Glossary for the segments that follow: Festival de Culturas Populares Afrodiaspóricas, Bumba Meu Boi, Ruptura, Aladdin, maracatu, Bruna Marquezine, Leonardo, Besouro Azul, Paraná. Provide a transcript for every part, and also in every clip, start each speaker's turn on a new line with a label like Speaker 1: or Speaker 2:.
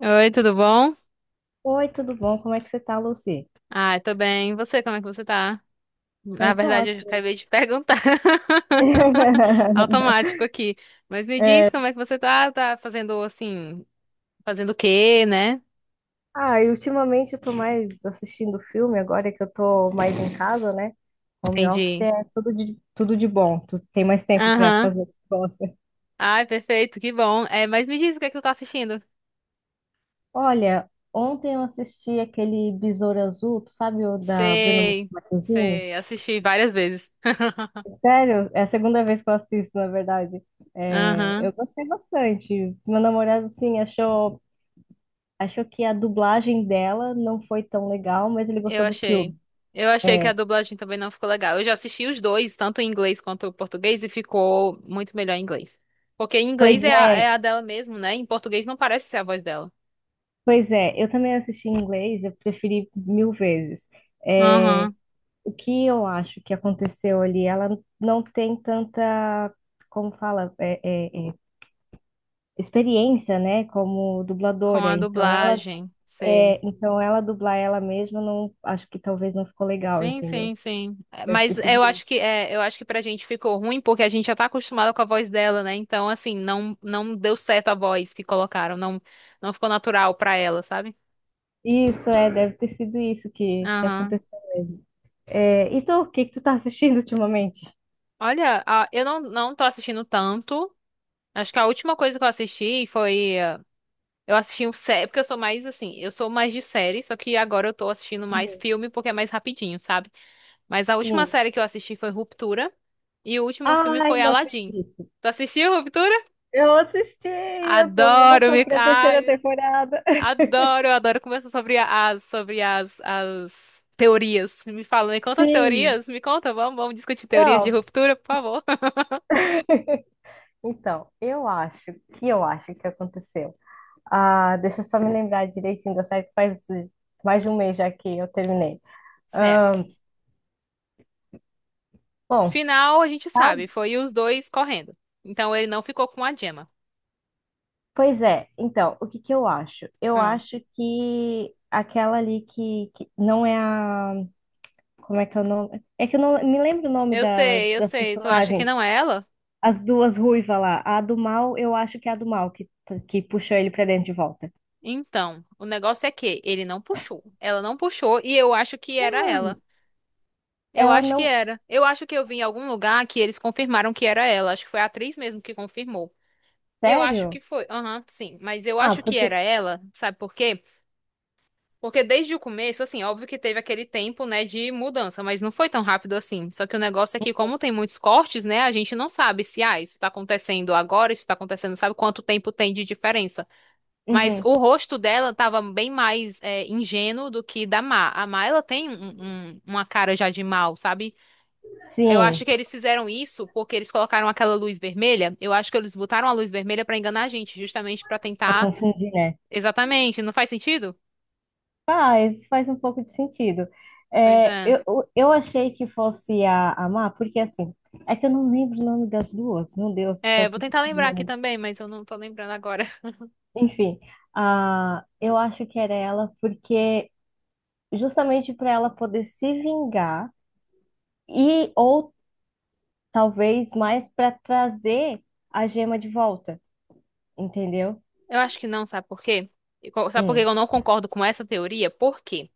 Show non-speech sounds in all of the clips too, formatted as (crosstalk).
Speaker 1: Oi, tudo bom?
Speaker 2: Oi, tudo bom? Como é que você tá, Lucy?
Speaker 1: Ah, eu tô bem. E você, como é que você tá? Na
Speaker 2: Eu tô
Speaker 1: verdade, eu
Speaker 2: ótima.
Speaker 1: acabei de perguntar. (laughs)
Speaker 2: (laughs)
Speaker 1: Automático aqui. Mas me diz
Speaker 2: É,
Speaker 1: como é que você tá? Tá fazendo assim, fazendo o quê, né?
Speaker 2: e ultimamente eu tô mais assistindo filme, agora que eu tô mais em casa, né? Home office
Speaker 1: Entendi.
Speaker 2: é tudo de bom. Tu tem mais tempo pra
Speaker 1: Aham.
Speaker 2: fazer o que tu gosta.
Speaker 1: Ai, perfeito, que bom. É, mas me diz o que é que tu tá assistindo.
Speaker 2: Olha, ontem eu assisti aquele Besouro Azul, tu sabe o da Bruna
Speaker 1: Sei,
Speaker 2: Marquezine?
Speaker 1: sei, assisti várias vezes. (laughs)
Speaker 2: Sério, é a segunda vez que eu assisto, na verdade. É, eu
Speaker 1: Aham.
Speaker 2: gostei bastante. Meu namorado, assim, achou que a dublagem dela não foi tão legal, mas ele
Speaker 1: Eu
Speaker 2: gostou do
Speaker 1: achei.
Speaker 2: filme.
Speaker 1: Eu achei que a
Speaker 2: É,
Speaker 1: dublagem também não ficou legal. Eu já assisti os dois, tanto em inglês quanto em português, e ficou muito melhor em inglês. Porque em
Speaker 2: pois
Speaker 1: inglês é a, é
Speaker 2: é,
Speaker 1: a dela mesmo, né? Em português não parece ser a voz dela.
Speaker 2: Pois é. Eu também assisti em inglês, eu preferi mil vezes. É,
Speaker 1: Aham.
Speaker 2: o que eu acho que aconteceu ali, ela não tem tanta, como fala, é, é, experiência, né, como
Speaker 1: Com
Speaker 2: dubladora.
Speaker 1: a
Speaker 2: Então ela,
Speaker 1: dublagem, sei.
Speaker 2: é, então ela dublar ela mesma, não, acho que talvez não ficou legal,
Speaker 1: Sim,
Speaker 2: entendeu?
Speaker 1: sim, sim. É,
Speaker 2: Deve ter
Speaker 1: mas
Speaker 2: sido
Speaker 1: eu
Speaker 2: isso.
Speaker 1: acho que pra gente ficou ruim porque a gente já tá acostumado com a voz dela, né? Então, assim, não deu certo a voz que colocaram, não ficou natural pra ela, sabe?
Speaker 2: Isso, é, deve ter sido isso que
Speaker 1: Aham.
Speaker 2: aconteceu. É, e tu, o que que tu tá assistindo ultimamente?
Speaker 1: Olha, ah, eu não tô assistindo tanto. Acho que a última coisa que eu assisti foi. Eu assisti um série, porque eu sou mais assim, eu sou mais de série, só que agora eu tô assistindo mais
Speaker 2: Uhum.
Speaker 1: filme porque é mais rapidinho, sabe? Mas a última
Speaker 2: Sim.
Speaker 1: série que eu assisti foi Ruptura e o último filme
Speaker 2: Ai,
Speaker 1: foi
Speaker 2: não
Speaker 1: Aladdin.
Speaker 2: acredito.
Speaker 1: Tu assistiu Ruptura?
Speaker 2: Eu assisti, eu tô
Speaker 1: Adoro,
Speaker 2: louca
Speaker 1: me...
Speaker 2: pra terceira
Speaker 1: Ai,
Speaker 2: temporada.
Speaker 1: adoro, eu adoro conversar sobre as teorias. Me fala, me
Speaker 2: (laughs)
Speaker 1: conta as
Speaker 2: Sim.
Speaker 1: teorias, me conta, vamos, vamos discutir teorias de
Speaker 2: Não.
Speaker 1: Ruptura, por favor. (laughs)
Speaker 2: Então, eu acho que aconteceu. Ah, deixa eu só me lembrar direitinho da série que faz mais de um mês já que eu terminei. Ah,
Speaker 1: Certo.
Speaker 2: bom,
Speaker 1: Final, a gente
Speaker 2: tal-
Speaker 1: sabe, foi os dois correndo. Então ele não ficou com a Gemma.
Speaker 2: pois é. Então, o que que eu acho? Eu
Speaker 1: Ah,
Speaker 2: acho que aquela ali que não é a… Como é que é o nome? É que eu não me lembro o nome
Speaker 1: eu
Speaker 2: das,
Speaker 1: sei, eu
Speaker 2: das
Speaker 1: sei. Tu acha que
Speaker 2: personagens.
Speaker 1: não é ela?
Speaker 2: As duas ruivas lá. A do mal, eu acho que é a do mal que puxou ele pra dentro de volta.
Speaker 1: Então, o negócio é que ele não puxou. Ela não puxou e eu acho que era ela. Eu
Speaker 2: Ela
Speaker 1: acho que
Speaker 2: não.
Speaker 1: era. Eu acho que eu vi em algum lugar que eles confirmaram que era ela. Acho que foi a atriz mesmo que confirmou. Eu acho que
Speaker 2: Sério?
Speaker 1: foi. Aham, sim. Mas eu
Speaker 2: Ah,
Speaker 1: acho que era
Speaker 2: porque…
Speaker 1: ela. Sabe por quê? Porque desde o começo, assim, óbvio que teve aquele tempo, né, de mudança, mas não foi tão rápido assim. Só que o negócio é que, como tem muitos cortes, né, a gente não sabe se, ah, isso tá acontecendo agora, isso tá acontecendo, sabe quanto tempo tem de diferença. Mas
Speaker 2: Uhum.
Speaker 1: o rosto dela tava bem mais ingênuo do que da Má. A Má, ela tem uma cara já de mal, sabe? Eu acho
Speaker 2: Sim,
Speaker 1: que eles fizeram isso porque eles colocaram aquela luz vermelha. Eu acho que eles botaram a luz vermelha pra enganar a gente, justamente pra
Speaker 2: já
Speaker 1: tentar.
Speaker 2: confundi, né?
Speaker 1: Exatamente, não faz sentido?
Speaker 2: Faz, faz um pouco de sentido.
Speaker 1: Pois
Speaker 2: É,
Speaker 1: é.
Speaker 2: eu, eu eu achei que fosse a Má, porque assim, é que eu não lembro o nome das duas. Meu Deus do céu,
Speaker 1: É, vou
Speaker 2: que
Speaker 1: tentar lembrar aqui
Speaker 2: nome.
Speaker 1: também, mas eu não tô lembrando agora.
Speaker 2: Enfim, eu acho que era ela, porque justamente para ela poder se vingar e ou talvez mais para trazer a gema de volta, entendeu?
Speaker 1: Eu acho que não, sabe por quê? Sabe por que
Speaker 2: Hum,
Speaker 1: eu não concordo com essa teoria? Por quê?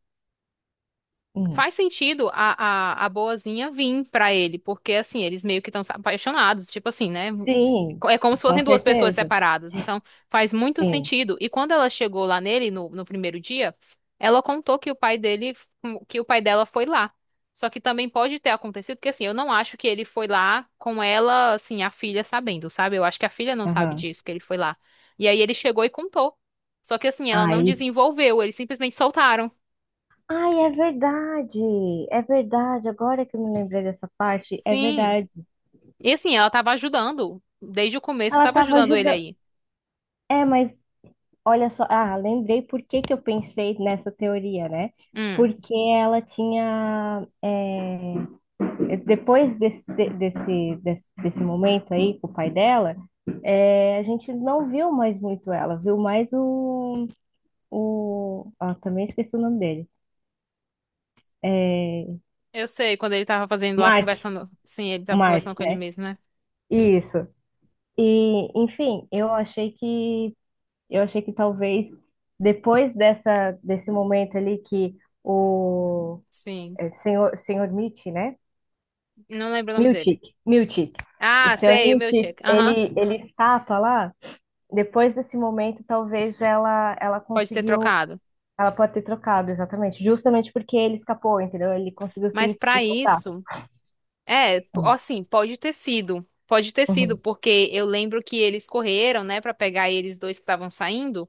Speaker 2: hum.
Speaker 1: Faz sentido a boazinha vir pra ele, porque assim, eles meio que estão apaixonados, tipo assim, né?
Speaker 2: Sim,
Speaker 1: É como se
Speaker 2: com
Speaker 1: fossem duas pessoas
Speaker 2: certeza.
Speaker 1: separadas, então faz muito
Speaker 2: Sim.
Speaker 1: sentido. E quando ela chegou lá nele no primeiro dia, ela contou que o pai dele, que o pai dela foi lá. Só que também pode ter acontecido, porque assim, eu não acho que ele foi lá com ela, assim, a filha sabendo, sabe? Eu acho que a filha não sabe
Speaker 2: Aham.
Speaker 1: disso, que ele foi lá. E aí ele chegou e contou. Só que assim, ela
Speaker 2: Ah,
Speaker 1: não
Speaker 2: isso.
Speaker 1: desenvolveu, eles simplesmente soltaram.
Speaker 2: Ai, é verdade. É verdade. Agora que eu me lembrei dessa parte, é
Speaker 1: Sim.
Speaker 2: verdade.
Speaker 1: E assim, ela tava ajudando. Desde o começo,
Speaker 2: Ela
Speaker 1: tava
Speaker 2: estava
Speaker 1: ajudando ele
Speaker 2: ajudando.
Speaker 1: aí.
Speaker 2: É, mas olha só. Ah, lembrei por que que eu pensei nessa teoria, né?
Speaker 1: Hum,
Speaker 2: Porque ela tinha depois desse, desse momento aí com o pai dela, é, a gente não viu mais muito ela, viu mais o... Ah, também esqueci o nome dele. É,
Speaker 1: eu sei, quando ele tava fazendo lá,
Speaker 2: Mark,
Speaker 1: conversando. Sim, ele tava
Speaker 2: Mark,
Speaker 1: conversando com ele
Speaker 2: né?
Speaker 1: mesmo, né?
Speaker 2: Isso. E, enfim, eu achei que talvez depois dessa desse momento ali que o
Speaker 1: Sim.
Speaker 2: é, senhor Mitch, né?
Speaker 1: Não lembro o nome dele.
Speaker 2: Miltic. O
Speaker 1: Ah,
Speaker 2: senhor
Speaker 1: sei, o meu
Speaker 2: Miltic,
Speaker 1: check. Aham.
Speaker 2: ele escapa lá depois desse momento, talvez ela
Speaker 1: Pode ter
Speaker 2: conseguiu.
Speaker 1: trocado.
Speaker 2: Ela pode ter trocado, exatamente. Justamente porque ele escapou, entendeu? Ele conseguiu
Speaker 1: Mas
Speaker 2: se
Speaker 1: pra
Speaker 2: soltar.
Speaker 1: isso, assim, pode ter sido. Pode ter sido,
Speaker 2: Uhum,
Speaker 1: porque eu lembro que eles correram, né, pra pegar eles dois que estavam saindo,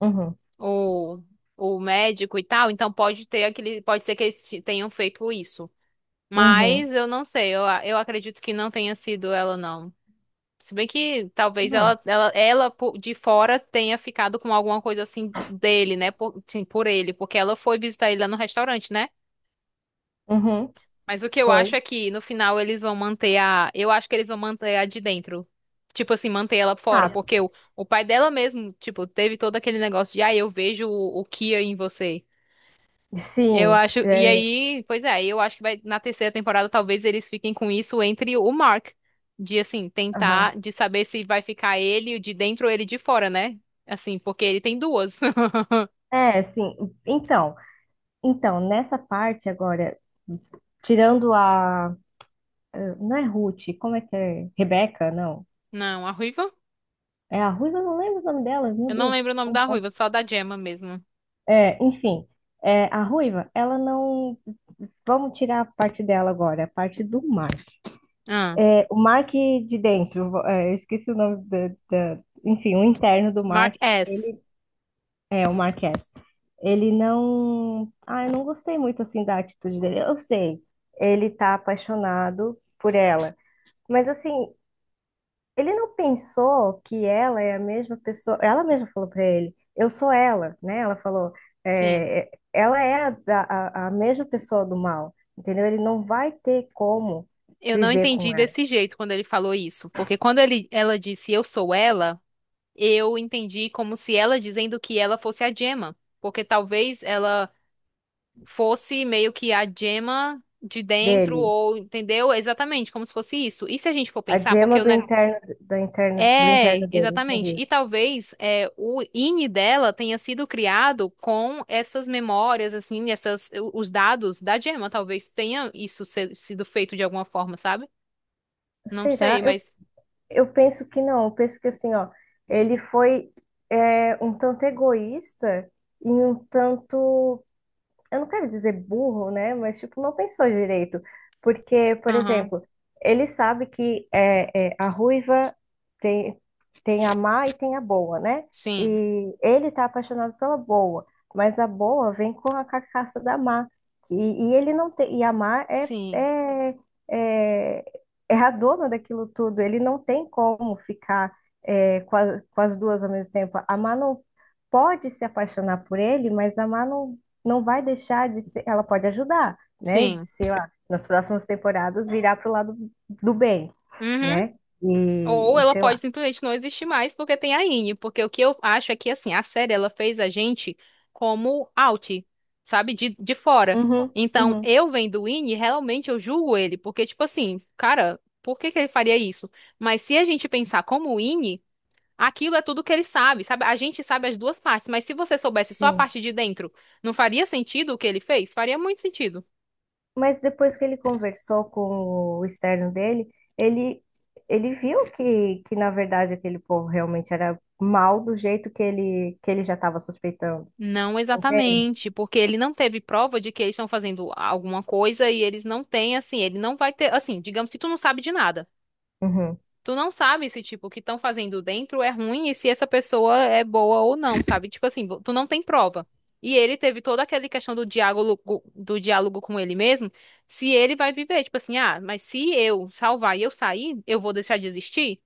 Speaker 2: uhum,
Speaker 1: o, o médico e tal. Então pode ter aquele, pode ser que eles tenham feito isso.
Speaker 2: uhum.
Speaker 1: Mas eu não sei, eu acredito que não tenha sido ela, não. Se bem que talvez
Speaker 2: Não.
Speaker 1: ela de fora tenha ficado com alguma coisa assim dele, né? Por, sim, por ele, porque ela foi visitar ele lá no restaurante, né?
Speaker 2: Uhum,
Speaker 1: Mas o que eu acho
Speaker 2: foi.
Speaker 1: é que no final eles vão manter a. Eu acho que eles vão manter a de dentro. Tipo assim, manter ela fora.
Speaker 2: Ah,
Speaker 1: Porque o pai dela mesmo, tipo, teve todo aquele negócio de, ah, eu vejo o Kia em você. Eu
Speaker 2: sim.
Speaker 1: acho. E
Speaker 2: É,
Speaker 1: aí, pois é, eu acho que vai, na terceira temporada talvez eles fiquem com isso entre o Mark. De assim, tentar
Speaker 2: aham.
Speaker 1: de saber se vai ficar ele de dentro ou ele de fora, né? Assim, porque ele tem duas. (laughs)
Speaker 2: É, sim. Então, então, nessa parte agora, tirando a… Não é Ruth, como é que é? Rebeca, não.
Speaker 1: Não, a Ruiva?
Speaker 2: É a Ruiva, eu não lembro o nome dela, meu
Speaker 1: Eu não
Speaker 2: Deus.
Speaker 1: lembro o nome
Speaker 2: Como
Speaker 1: da
Speaker 2: pode?
Speaker 1: Ruiva, só da Gemma mesmo.
Speaker 2: É, enfim, é, a Ruiva, ela não. Vamos tirar a parte dela agora, a parte do Mark.
Speaker 1: Ah,
Speaker 2: É, o Mark de dentro, é, eu esqueci o nome da, da- enfim, o interno do
Speaker 1: Mark
Speaker 2: Mark,
Speaker 1: S.
Speaker 2: ele é o Marquez. Ele não, ah, eu não gostei muito assim da atitude dele. Eu sei, ele tá apaixonado por ela, mas assim, ele não pensou que ela é a mesma pessoa. Ela mesma falou para ele: eu sou ela, né? Ela falou:
Speaker 1: Sim.
Speaker 2: é, ela é a mesma pessoa do mal, entendeu? Ele não vai ter como
Speaker 1: Eu não
Speaker 2: viver com
Speaker 1: entendi
Speaker 2: ela,
Speaker 1: desse jeito quando ele falou isso, porque quando ele, ela disse eu sou ela, eu entendi como se ela dizendo que ela fosse a Gemma, porque talvez ela fosse meio que a gema de dentro,
Speaker 2: dele.
Speaker 1: ou entendeu? Exatamente, como se fosse isso. E se a gente for
Speaker 2: A
Speaker 1: pensar, porque
Speaker 2: gema
Speaker 1: o
Speaker 2: do
Speaker 1: neg...
Speaker 2: interno, do
Speaker 1: É,
Speaker 2: interno dele,
Speaker 1: exatamente.
Speaker 2: entendi.
Speaker 1: E talvez o INI dela tenha sido criado com essas memórias, assim, essas, os dados da gema. Talvez tenha isso sido feito de alguma forma, sabe? Não
Speaker 2: Será?
Speaker 1: sei, mas.
Speaker 2: Eu penso que não. Eu penso que assim, ó, ele foi é, um tanto egoísta e um tanto… eu não quero dizer burro, né? Mas, tipo, não pensou direito. Porque, por
Speaker 1: Aham.
Speaker 2: exemplo, ele sabe que é, a ruiva tem, tem a má e tem a boa, né?
Speaker 1: Sim.
Speaker 2: E ele tá apaixonado pela boa, mas a boa vem com a carcaça da má. E, e ele não tem, e a má
Speaker 1: Sim.
Speaker 2: é, é a dona daquilo tudo. Ele não tem como ficar é, com, a- com as duas ao mesmo tempo. A má não pode se apaixonar por ele, mas a má não, não vai deixar de ser, ela pode ajudar, né?
Speaker 1: Sim.
Speaker 2: Sei lá, nas próximas temporadas virar pro lado do bem,
Speaker 1: Uhum.
Speaker 2: né?
Speaker 1: Ou
Speaker 2: E
Speaker 1: ela
Speaker 2: sei
Speaker 1: pode
Speaker 2: lá.
Speaker 1: simplesmente não existir mais porque tem a Ine, porque o que eu acho é que assim, a série ela fez a gente como out, sabe, de fora.
Speaker 2: Uhum,
Speaker 1: Então,
Speaker 2: uhum,
Speaker 1: eu vendo o Ine, realmente eu julgo ele, porque tipo assim, cara, por que que ele faria isso? Mas se a gente pensar como o Ine, aquilo é tudo que ele sabe, sabe? A gente sabe as duas partes, mas se você soubesse só a
Speaker 2: sim.
Speaker 1: parte de dentro, não faria sentido o que ele fez? Faria muito sentido.
Speaker 2: Mas depois que ele conversou com o externo dele, ele, ele viu que, na verdade, aquele povo realmente era mal do jeito que que ele já estava suspeitando.
Speaker 1: Não
Speaker 2: Entende?
Speaker 1: exatamente, porque ele não teve prova de que eles estão fazendo alguma coisa e eles não têm, assim, ele não vai ter, assim, digamos que tu não sabe de nada.
Speaker 2: Uhum,
Speaker 1: Tu não sabe se, tipo, o que estão fazendo dentro é ruim e se essa pessoa é boa ou não, sabe? Tipo assim, tu não tem prova. E ele teve toda aquela questão do diálogo com ele mesmo, se ele vai viver, tipo assim, ah, mas se eu salvar e eu sair, eu vou deixar de existir?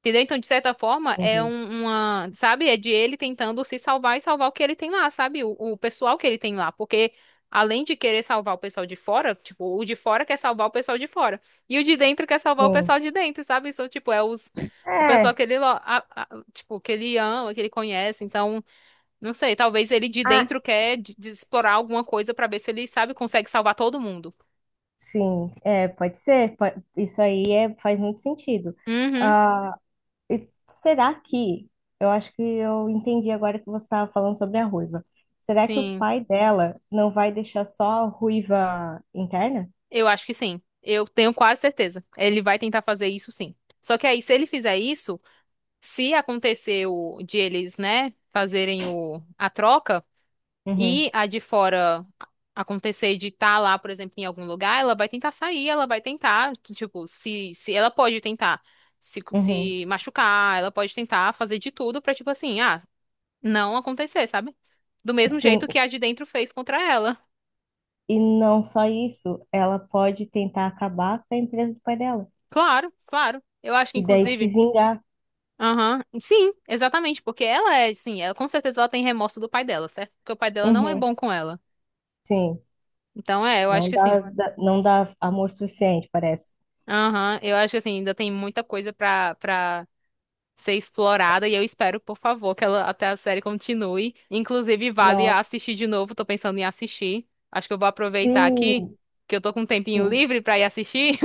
Speaker 1: Entendeu? Então, de certa forma, é
Speaker 2: entendi.
Speaker 1: uma, sabe? É de ele tentando se salvar e salvar o que ele tem lá, sabe? O pessoal que ele tem lá. Porque, além de querer salvar o pessoal de fora, tipo, o de fora quer salvar o pessoal de fora. E o de dentro quer salvar o
Speaker 2: Sim.
Speaker 1: pessoal de dentro, sabe? Então, tipo, é os, o pessoal
Speaker 2: É.
Speaker 1: que ele, a- tipo, que ele ama, que ele conhece. Então, não sei, talvez ele de
Speaker 2: Ah,
Speaker 1: dentro quer de explorar alguma coisa pra ver se ele, sabe, consegue salvar todo mundo.
Speaker 2: sim, é, pode ser. Isso aí é, faz muito sentido.
Speaker 1: Uhum,
Speaker 2: Ah, e será que, eu acho que eu entendi agora que você estava falando sobre a ruiva. Será que o
Speaker 1: sim.
Speaker 2: pai dela não vai deixar só a ruiva interna?
Speaker 1: Eu acho que sim. Eu tenho quase certeza. Ele vai tentar fazer isso sim. Só que aí, se ele fizer isso, se aconteceu de eles, né, fazerem a troca
Speaker 2: Uhum,
Speaker 1: e a de fora acontecer de estar lá, por exemplo, em algum lugar, ela vai tentar sair, ela vai tentar, tipo, se ela pode tentar
Speaker 2: uhum.
Speaker 1: se machucar, ela pode tentar fazer de tudo pra, tipo assim, ah, não acontecer, sabe? Do mesmo
Speaker 2: Sim,
Speaker 1: jeito que a de dentro fez contra ela.
Speaker 2: e não só isso, ela pode tentar acabar com a empresa do pai dela
Speaker 1: Claro, claro. Eu acho que,
Speaker 2: e daí se
Speaker 1: inclusive.
Speaker 2: vingar.
Speaker 1: Aham, sim, exatamente, porque ela é, sim, ela com certeza ela tem remorso do pai dela, certo? Porque o pai dela não é
Speaker 2: Uhum,
Speaker 1: bom com ela.
Speaker 2: sim,
Speaker 1: Então é, eu acho
Speaker 2: não
Speaker 1: que
Speaker 2: dá,
Speaker 1: assim.
Speaker 2: não dá amor suficiente, parece.
Speaker 1: Aham, eu acho que assim, ainda tem muita coisa pra ser explorada e eu espero, por favor, que ela até a série continue. Inclusive, vale
Speaker 2: Nossa,
Speaker 1: assistir de novo, tô pensando em assistir. Acho que eu vou aproveitar aqui,
Speaker 2: sim.
Speaker 1: que eu tô com um tempinho
Speaker 2: Sim.
Speaker 1: livre pra ir assistir.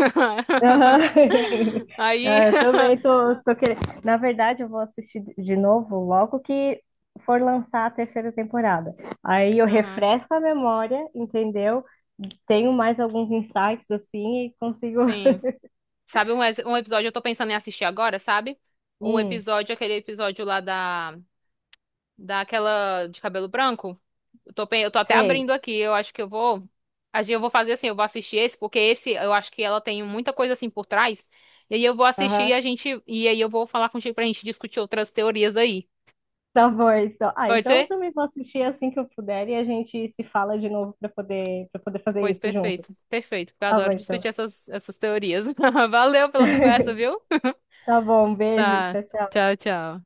Speaker 2: Aham. (laughs)
Speaker 1: (laughs) Aí.
Speaker 2: Ah, eu também
Speaker 1: (laughs)
Speaker 2: tô querendo. Na verdade, eu vou assistir de novo logo que for lançar a terceira temporada. Aí eu
Speaker 1: Aham,
Speaker 2: refresco a memória, entendeu? Tenho mais alguns insights assim e consigo.
Speaker 1: sim.
Speaker 2: (laughs)
Speaker 1: Sabe um, um episódio eu tô pensando em assistir agora, sabe? O
Speaker 2: Hum,
Speaker 1: episódio, aquele episódio lá da daquela de cabelo branco. Eu tô, eu tô até
Speaker 2: sei.
Speaker 1: abrindo aqui, eu acho que eu vou acho que eu vou fazer assim, eu vou assistir esse, porque esse eu acho que ela tem muita coisa assim por trás. E aí eu vou assistir
Speaker 2: Aham.
Speaker 1: e a gente e aí eu vou falar contigo pra gente discutir outras teorias aí.
Speaker 2: Tá bom, então. Ah,
Speaker 1: Pode
Speaker 2: então eu
Speaker 1: ser?
Speaker 2: também vou assistir assim que eu puder e a gente se fala de novo para poder fazer
Speaker 1: Pois
Speaker 2: isso junto.
Speaker 1: perfeito. Perfeito, porque eu
Speaker 2: Tá bom,
Speaker 1: adoro
Speaker 2: então.
Speaker 1: discutir essas teorias. (laughs) Valeu pela conversa,
Speaker 2: (laughs)
Speaker 1: viu?
Speaker 2: Tá bom, um beijo.
Speaker 1: Tá.
Speaker 2: Tchau, tchau.
Speaker 1: Tchau, tchau.